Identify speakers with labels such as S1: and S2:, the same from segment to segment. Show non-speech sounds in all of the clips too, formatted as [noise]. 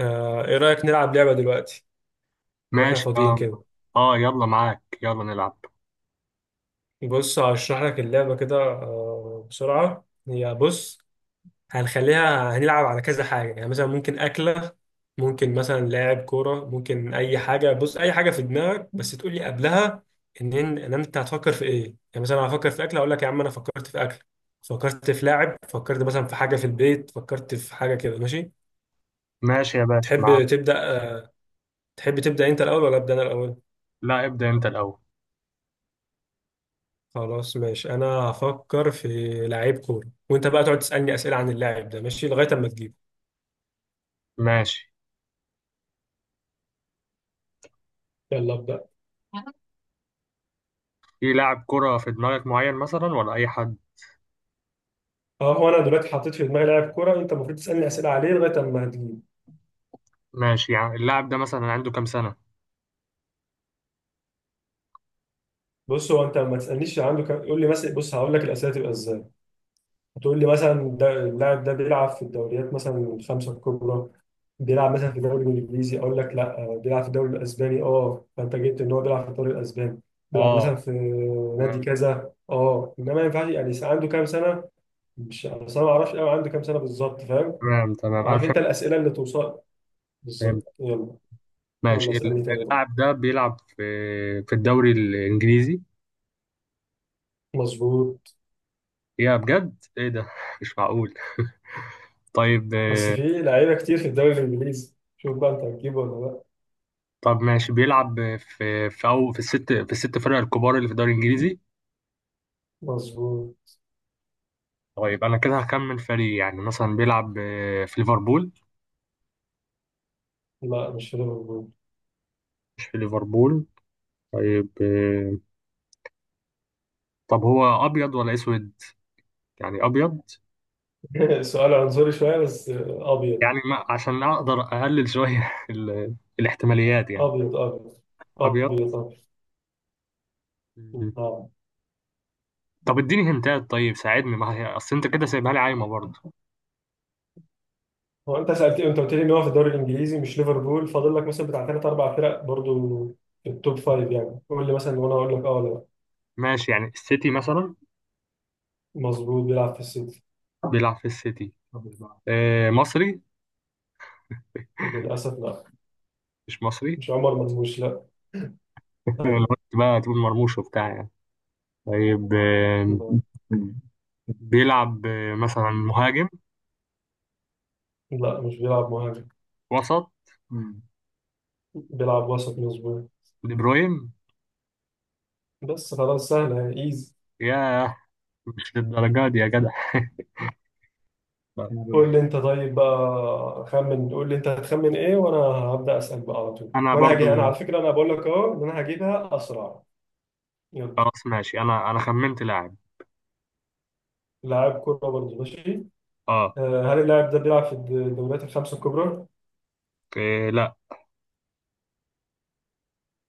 S1: ايه رأيك نلعب لعبة دلوقتي واحنا
S2: ماشي،
S1: فاضيين
S2: اه.
S1: كده.
S2: اه، يلا معاك، يلا نلعب.
S1: بص، هشرح لك اللعبة كده، بسرعة. هي بص، هنخليها، هنلعب على كذا حاجة. يعني مثلا ممكن أكلة، ممكن مثلا لاعب كورة، ممكن أي حاجة. بص، أي حاجة في دماغك، بس تقول لي قبلها إن أنت هتفكر في إيه يعني. مثلا أنا هفكر في أكلة، أقول لك يا عم أنا فكرت في أكل، فكرت في لاعب، فكرت مثلا في حاجة في البيت، فكرت في حاجة كده، ماشي.
S2: ماشي يا باشا، معاك.
S1: تحب تبدأ آه، تحب تبدأ أنت الأول ولا أبدأ أنا الأول؟
S2: لا، ابدأ انت الأول.
S1: خلاص ماشي. انا هفكر في لعيب كورة، وانت بقى تقعد تسألني أسئلة عن اللاعب ده، ماشي، لغاية اما تجيبه.
S2: ماشي.
S1: يلا ابدأ.
S2: في لاعب كرة في دماغك معين مثلا ولا أي حد؟
S1: اه، هو انا دلوقتي حطيت في دماغي لاعب كورة، انت المفروض تسألني أسئلة عليه لغاية اما هتجيبه.
S2: ماشي. يعني اللاعب ده مثلا عنده كام سنة؟
S1: بص، هو انت ما تسألنيش عنده كم. قول لي مثلا، بص هقول لك الأسئلة تبقى ازاي. هتقول لي مثلا ده اللاعب ده بيلعب في الدوريات مثلا الخمسة الكبرى. بيلعب مثلا في الدوري الانجليزي، اقول لك لا. بيلعب في الدوري الاسباني، اه. فانت جبت ان هو بيلعب في الدوري الاسباني. بيلعب مثلا
S2: اه.
S1: في نادي
S2: تمام
S1: كذا، اه. انما ما ينفعش يعني عنده كام سنة، مش بس انا ما اعرفش قوي عنده كام سنه بالظبط، فاهم؟
S2: تمام، تمام أنا
S1: عارف انت
S2: فهمت.
S1: الاسئله اللي توصل
S2: فهمت.
S1: بالظبط. يلا. يلا
S2: ماشي.
S1: اسالني تاني بقى.
S2: اللاعب ده بيلعب في في الدوري الإنجليزي.
S1: مظبوط.
S2: يا بجد، ايه ده [laughs] مش معقول. طيب،
S1: بس في لعيبه كتير في الدوري الانجليزي، شوف بقى انت هتجيبه ولا لا.
S2: طب ماشي، بيلعب في الست فرق الكبار اللي في الدوري الإنجليزي؟
S1: مظبوط.
S2: طيب انا كده هكمل فريق، يعني مثلا بيلعب في ليفربول.
S1: لا، مش في ليفربول.
S2: مش في ليفربول. طيب، طب هو ابيض ولا اسود؟ يعني ابيض.
S1: [laughs] سؤال عنصري شويه بس، ابيض
S2: يعني ما عشان اقدر اقلل شويه [laughs] الاحتماليات يعني.
S1: ابيض ابيض ابيض
S2: ابيض.
S1: ابيض.
S2: مم.
S1: نعم.
S2: طب اديني هنتات. طيب ساعدني، ما هي اصل انت كده سايبها لي عايمه برضه.
S1: هو انت سالت، انت قلت لي ان هو في الدوري الانجليزي مش ليفربول، فاضل لك مثلا بتاع ثلاث اربع فرق برضو في التوب فايف يعني. قول لي مثلا وانا اقول لك اه ولا لا.
S2: ماشي، يعني السيتي مثلا.
S1: مظبوط، بيلعب في السيتي.
S2: بيلعب في السيتي. مصري؟
S1: للاسف لا.
S2: مش مصري
S1: مش
S2: [laughs]
S1: عمر مرموش، لا.
S2: لو
S1: ايوه.
S2: قلت بقى تقول مرموش وبتاع يعني. طيب،
S1: لا
S2: بيلعب مثلا مهاجم؟
S1: لا، مش بيلعب مهاجم.
S2: وسط. مم.
S1: بيلعب وسط، مظبوط.
S2: دي بروين؟
S1: بس خلاص، سهلة ايزي.
S2: ياه! مش للدرجة دي يا جدع [laughs] يا رب.
S1: قول لي انت طيب بقى، خمن. قول لي انت هتخمن ايه، وانا هبدأ اسأل بقى على طول.
S2: انا
S1: وانا هجي انا، على
S2: برضو.
S1: فكرة انا بقول لك اهو ان انا هجيبها اسرع. يلا.
S2: خلاص ماشي، انا خمنت لاعب.
S1: لاعب كرة برضه، ماشي.
S2: اه.
S1: هل اللاعب ده بيلعب في الدوريات الخمسة الكبرى؟
S2: إيه لا.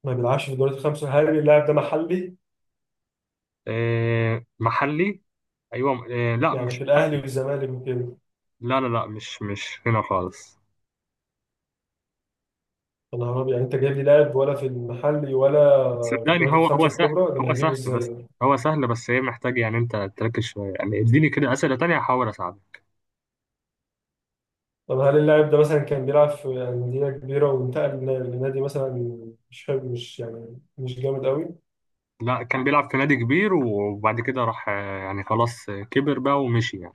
S1: ما بيلعبش في الدوريات الخمسة. هل اللاعب ده محلي؟
S2: إيه محلي؟ ايوه، إيه لا،
S1: يعني
S2: مش
S1: في الاهلي
S2: محلي.
S1: والزمالك وكده.
S2: لا لا لا، مش هنا خالص.
S1: انا عربي يعني، انت جايب لي لاعب ولا في المحلي ولا في
S2: صدقني،
S1: الدوريات
S2: هو
S1: الخمسه
S2: سهل.
S1: الكبرى؟ ده انا
S2: هو
S1: هجيبه
S2: سهل
S1: ازاي
S2: بس.
S1: ده؟
S2: هو سهل، بس هي محتاج يعني انت تركز شويه يعني. اديني كده اسئله تانية هحاول اساعدك.
S1: طب هل اللاعب ده مثلا كان بيلعب في انديه كبيره وانتقل لنادي مثلا مش حلو، مش يعني مش جامد قوي؟
S2: لا، كان بيلعب في نادي كبير وبعد كده راح، يعني خلاص كبر بقى ومشي يعني.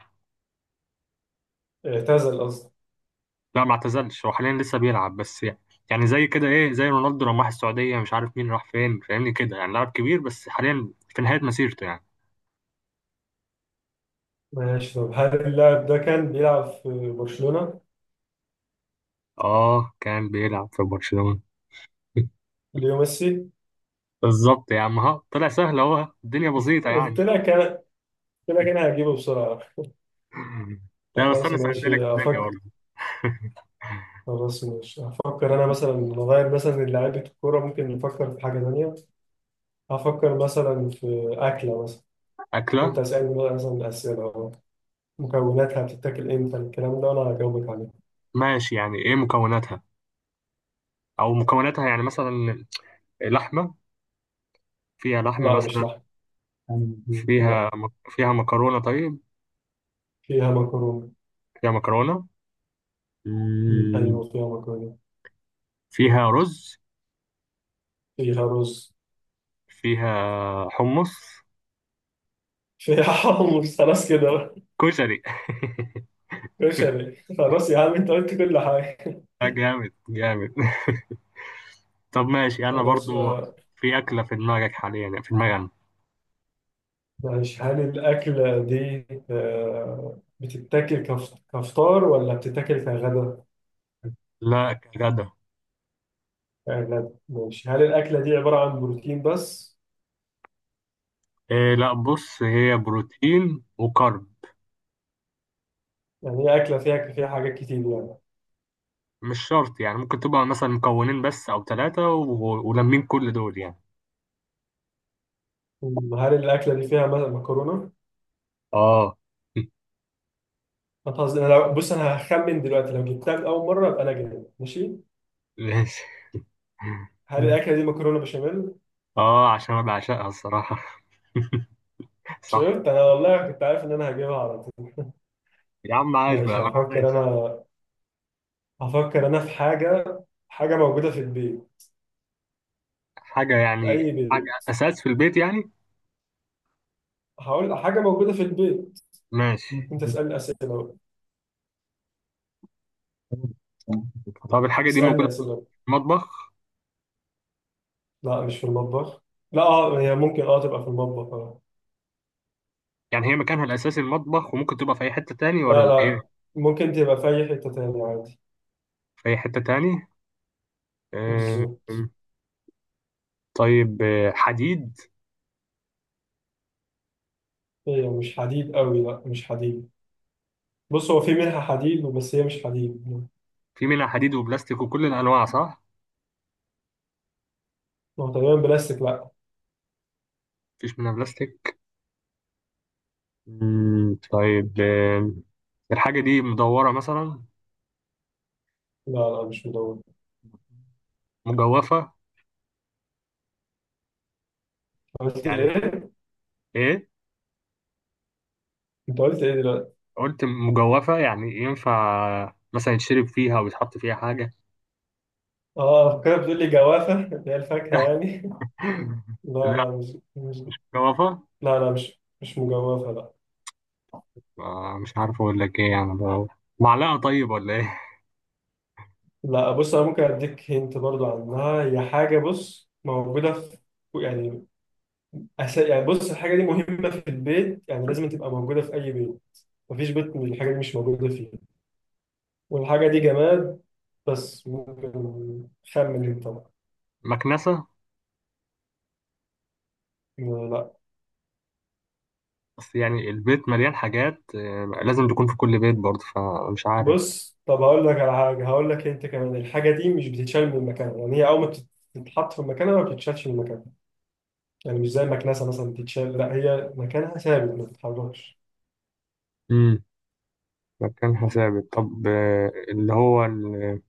S1: اعتزل قصدي.
S2: لا، ما اعتزلش، هو حاليا لسه بيلعب بس يعني. يعني زي كده ايه، زي رونالدو لما راح السعودية، مش عارف مين راح فين، فاهمني كده، يعني لاعب كبير بس حاليا في نهاية مسيرته يعني.
S1: ماشي. طب هل اللاعب ده كان بيلعب في برشلونه؟
S2: اه كان بيلعب في برشلونة. [laughs]
S1: ليو ميسي.
S2: بالظبط يا عم، ها طلع سهل اهو، الدنيا بسيطة يعني.
S1: قلت لك انا قلت لك انا هجيبه بسرعه.
S2: [laughs] لا بس
S1: خلاص
S2: انا سهلت لك
S1: ماشي،
S2: الدنيا
S1: هفكر.
S2: برضه. [laughs]
S1: خلاص ماشي هفكر انا، مثلا نغير مثلا لعيبه الكوره، ممكن نفكر في حاجه ثانيه. هفكر مثلا في اكله مثلا.
S2: أكلة.
S1: وانت اسألني بقى مثلا أسئلة أهو. مكوناتها، بتتاكل امتى، الكلام ده، وانا هجاوبك عليه.
S2: ماشي، يعني إيه مكوناتها؟ أو مكوناتها يعني مثلا؟ لحمة؟ فيها لحمة
S1: لا، مش
S2: مثلا؟
S1: لحم. لا.
S2: فيها فيها مكرونة؟ طيب.
S1: فيها مكرونة.
S2: فيها مكرونة. مم،
S1: ايوه فيها مكرونة.
S2: فيها رز.
S1: فيها رز.
S2: فيها حمص.
S1: فيها [laughs] حمص. خلاص كده بقى.
S2: كشري.
S1: كشري. خلاص يا عم، انت قلت كل حاجة.
S2: [laughs] جامد جامد. طب ماشي انا
S1: خلاص،
S2: برضو. في اكله في دماغك حاليا، في دماغي أنا.
S1: ماشي. هل الأكلة دي بتتاكل كفطار ولا بتتاكل كغدا؟
S2: لا، كغدا.
S1: كغدا، ماشي. هل الأكلة دي عبارة عن بروتين بس؟
S2: إيه لا، بص هي بروتين وكارب.
S1: يعني هي أكلة فيها حاجات كتير يعني.
S2: مش شرط يعني، ممكن تبقى مثلا مكونين بس او ثلاثه ولمين كل دول يعني.
S1: مم، هل الأكلة دي فيها مثلا مكرونة؟
S2: اه. [laughs]
S1: ما تهزر، انا بص انا هخمن دلوقتي، لو جبتها من اول مره يبقى انا جامد، ماشي.
S2: ماشي.
S1: هل الاكله دي مكرونه بشاميل؟
S2: اه، عشان انا بعشقها الصراحه. [laughs] صح.
S1: شفت، انا والله كنت عارف ان انا هجيبها على طول.
S2: يا عم عايش
S1: ماشي
S2: بقى، ما
S1: هفكر
S2: عايش.
S1: انا. هفكر انا في حاجه. حاجه موجوده في البيت.
S2: حاجه،
S1: في
S2: يعني
S1: اي
S2: حاجه
S1: بيت.
S2: اساس في البيت يعني.
S1: هقول حاجه موجوده في البيت.
S2: ماشي.
S1: انت اسالني اسئله بقى.
S2: طب الحاجة دي
S1: اسالني
S2: موجودة في
S1: اسئله.
S2: المطبخ؟
S1: لا مش في المطبخ. لا اه، هي ممكن تبقى في المطبخ اه.
S2: يعني هي مكانها الأساسي المطبخ وممكن تبقى في أي حتة تاني، ولا
S1: لا
S2: الإيه؟
S1: لا، ممكن تبقى في اي حته تانية عادي.
S2: في أي حتة تاني. آه،
S1: بالظبط.
S2: طيب. حديد؟
S1: هي مش حديد قوي، لا مش حديد. بص، هو في منها حديد بس هي مش حديد.
S2: في منها حديد وبلاستيك وكل الأنواع، صح؟
S1: هو تقريبا بلاستيك، لا.
S2: مفيش منها بلاستيك. طيب، الحاجة دي مدورة مثلا؟
S1: لا لا، مش مدون.
S2: مجوفة.
S1: قلت
S2: يعني
S1: ايه؟
S2: إيه؟
S1: انت قلت ايه دلوقتي؟
S2: قلت مجوفة، يعني ينفع مثلا يتشرب فيها أو يتحط فيها حاجة.
S1: اه فكرة، بتقول لي جوافة [laughs] اللي هي الفاكهة يعني.
S2: [laughs]
S1: [laughs] لا
S2: لا،
S1: لا، مش.
S2: مجوفة.
S1: لا لا، مش مجوافة، لا.
S2: مش عارف اقول لك ايه يعني بقى. معلقة طيب، ولا ايه؟
S1: لا، بص انا ممكن اديك هنت برضو عنها. هي حاجة بص موجودة في يعني يعني بص الحاجة دي مهمة في البيت يعني، لازم تبقى موجودة في أي بيت. مفيش بيت من الحاجة دي مش موجودة فيه. والحاجة دي جماد بس ممكن. خمن انت بقى.
S2: [laughs] مكنسة.
S1: لا.
S2: بس يعني البيت مليان حاجات، لازم تكون في كل بيت برضه، فمش عارف.
S1: بص، طب هقول لك على حاجه، هقول لك انت كمان، الحاجه دي مش بتتشال من مكانها، يعني هي اول ما بتتحط في مكانها ما بتتشالش من مكانها. يعني مش زي المكنسه مثلا بتتشال، لا هي مكانها ثابت ما بتتحركش.
S2: امم مكانها ثابت. طب، اللي هو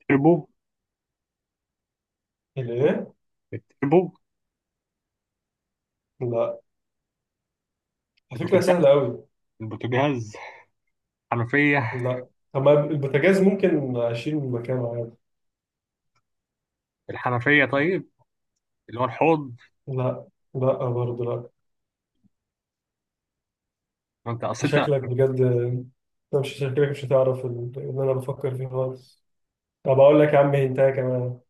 S2: التربو.
S1: الايه؟
S2: التربو.
S1: لا، على فكره
S2: البوتاجاز.
S1: سهله قوي.
S2: البوتاجاز. الحنفية.
S1: لا، طب ما البوتاجاز ممكن اشيل من مكانه عادي.
S2: الحنفية طيب. اللي هو الحوض.
S1: لا لا برضه، لا.
S2: ما انت اصل إنت.
S1: انت مش شكلك مش هتعرف اللي انا بفكر فيه خالص. طب اقول لك يا عم هنتايه كمان.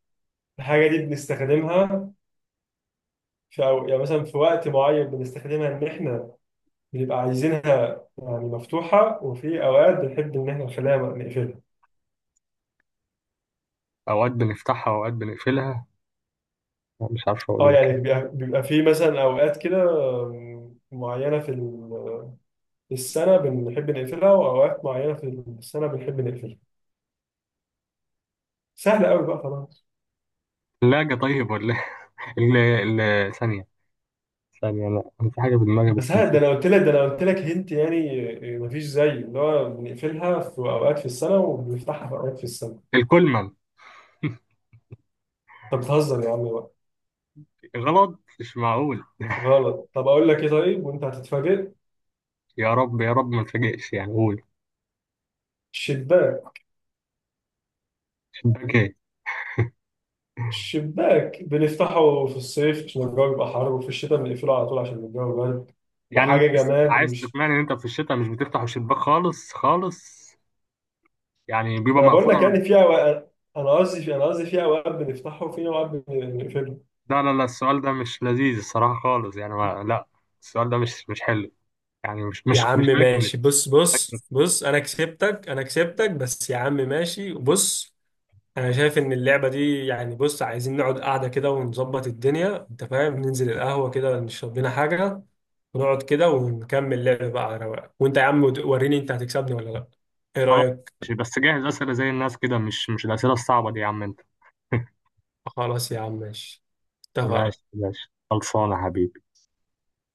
S1: الحاجه دي بنستخدمها في يعني مثلا في وقت معين بنستخدمها ان احنا بيبقى عايزينها يعني مفتوحة، وفي أوقات بنحب إن إحنا نخليها نقفلها.
S2: اوقات بنفتحها واوقات بنقفلها، مش عارف اقول
S1: أه
S2: لك.
S1: يعني بيبقى في مثلا أوقات كده معينة في في السنة بنحب نقفلها، وأوقات معينة في السنة بنحب نقفلها. سهل قوي بقى خلاص.
S2: الثلاجة طيب، ولا ايه؟ [laughs] ثانية. ثانية، لا انا في حاجة في دماغي
S1: بس
S2: بس
S1: ها، ده
S2: نسيت.
S1: انا قلت لك، هنت يعني. مفيش زي اللي هو بنقفلها في اوقات في السنه وبنفتحها في اوقات في السنه.
S2: الكولمة.
S1: طب بتهزر يا عم بقى.
S2: غلط، مش معقول [laughs]
S1: غلط. طب اقول لك ايه طيب، وانت هتتفاجئ.
S2: يا رب، يا رب، ما تفاجئش يعني، قول.
S1: شباك.
S2: اوكي.
S1: شباك بنفتحه في الصيف عشان الجو يبقى حر، وفي الشتاء بنقفله على طول عشان الجو برد.
S2: يعني انت
S1: وحاجه
S2: بس
S1: جماد،
S2: عايز
S1: مش.
S2: تقنعني ان انت في الشتاء مش بتفتح الشباك خالص خالص. يعني بيبقى
S1: ما انا بقول
S2: مقفول
S1: لك يعني في اوقات، انا قصدي في اوقات بنفتحه وفي اوقات بنقفله.
S2: لا لا لا، السؤال ده مش لذيذ الصراحة خالص، يعني ما لا. السؤال ده مش حلو. يعني مش
S1: يا
S2: مش
S1: عم
S2: مش اكل.
S1: ماشي، بص بص بص، انا كسبتك انا كسبتك بس يا عم، ماشي بص. انا شايف ان اللعبه دي يعني، بص عايزين نقعد قاعده كده ونظبط الدنيا، انت فاهم، ننزل القهوه كده نشرب لنا حاجه ونقعد كده ونكمل لعب بقى على رواق. وانت يا عم وريني انت هتكسبني ولا لا. ايه
S2: خلاص.
S1: رايك؟
S2: ماشي، بس جاهز أسئلة زي الناس كده، مش الأسئلة الصعبة دي يا عم انت. [laughs]
S1: خلاص يا عم، ماشي. اتفقنا.
S2: ماشي ماشي، خلصانة يا حبيبي.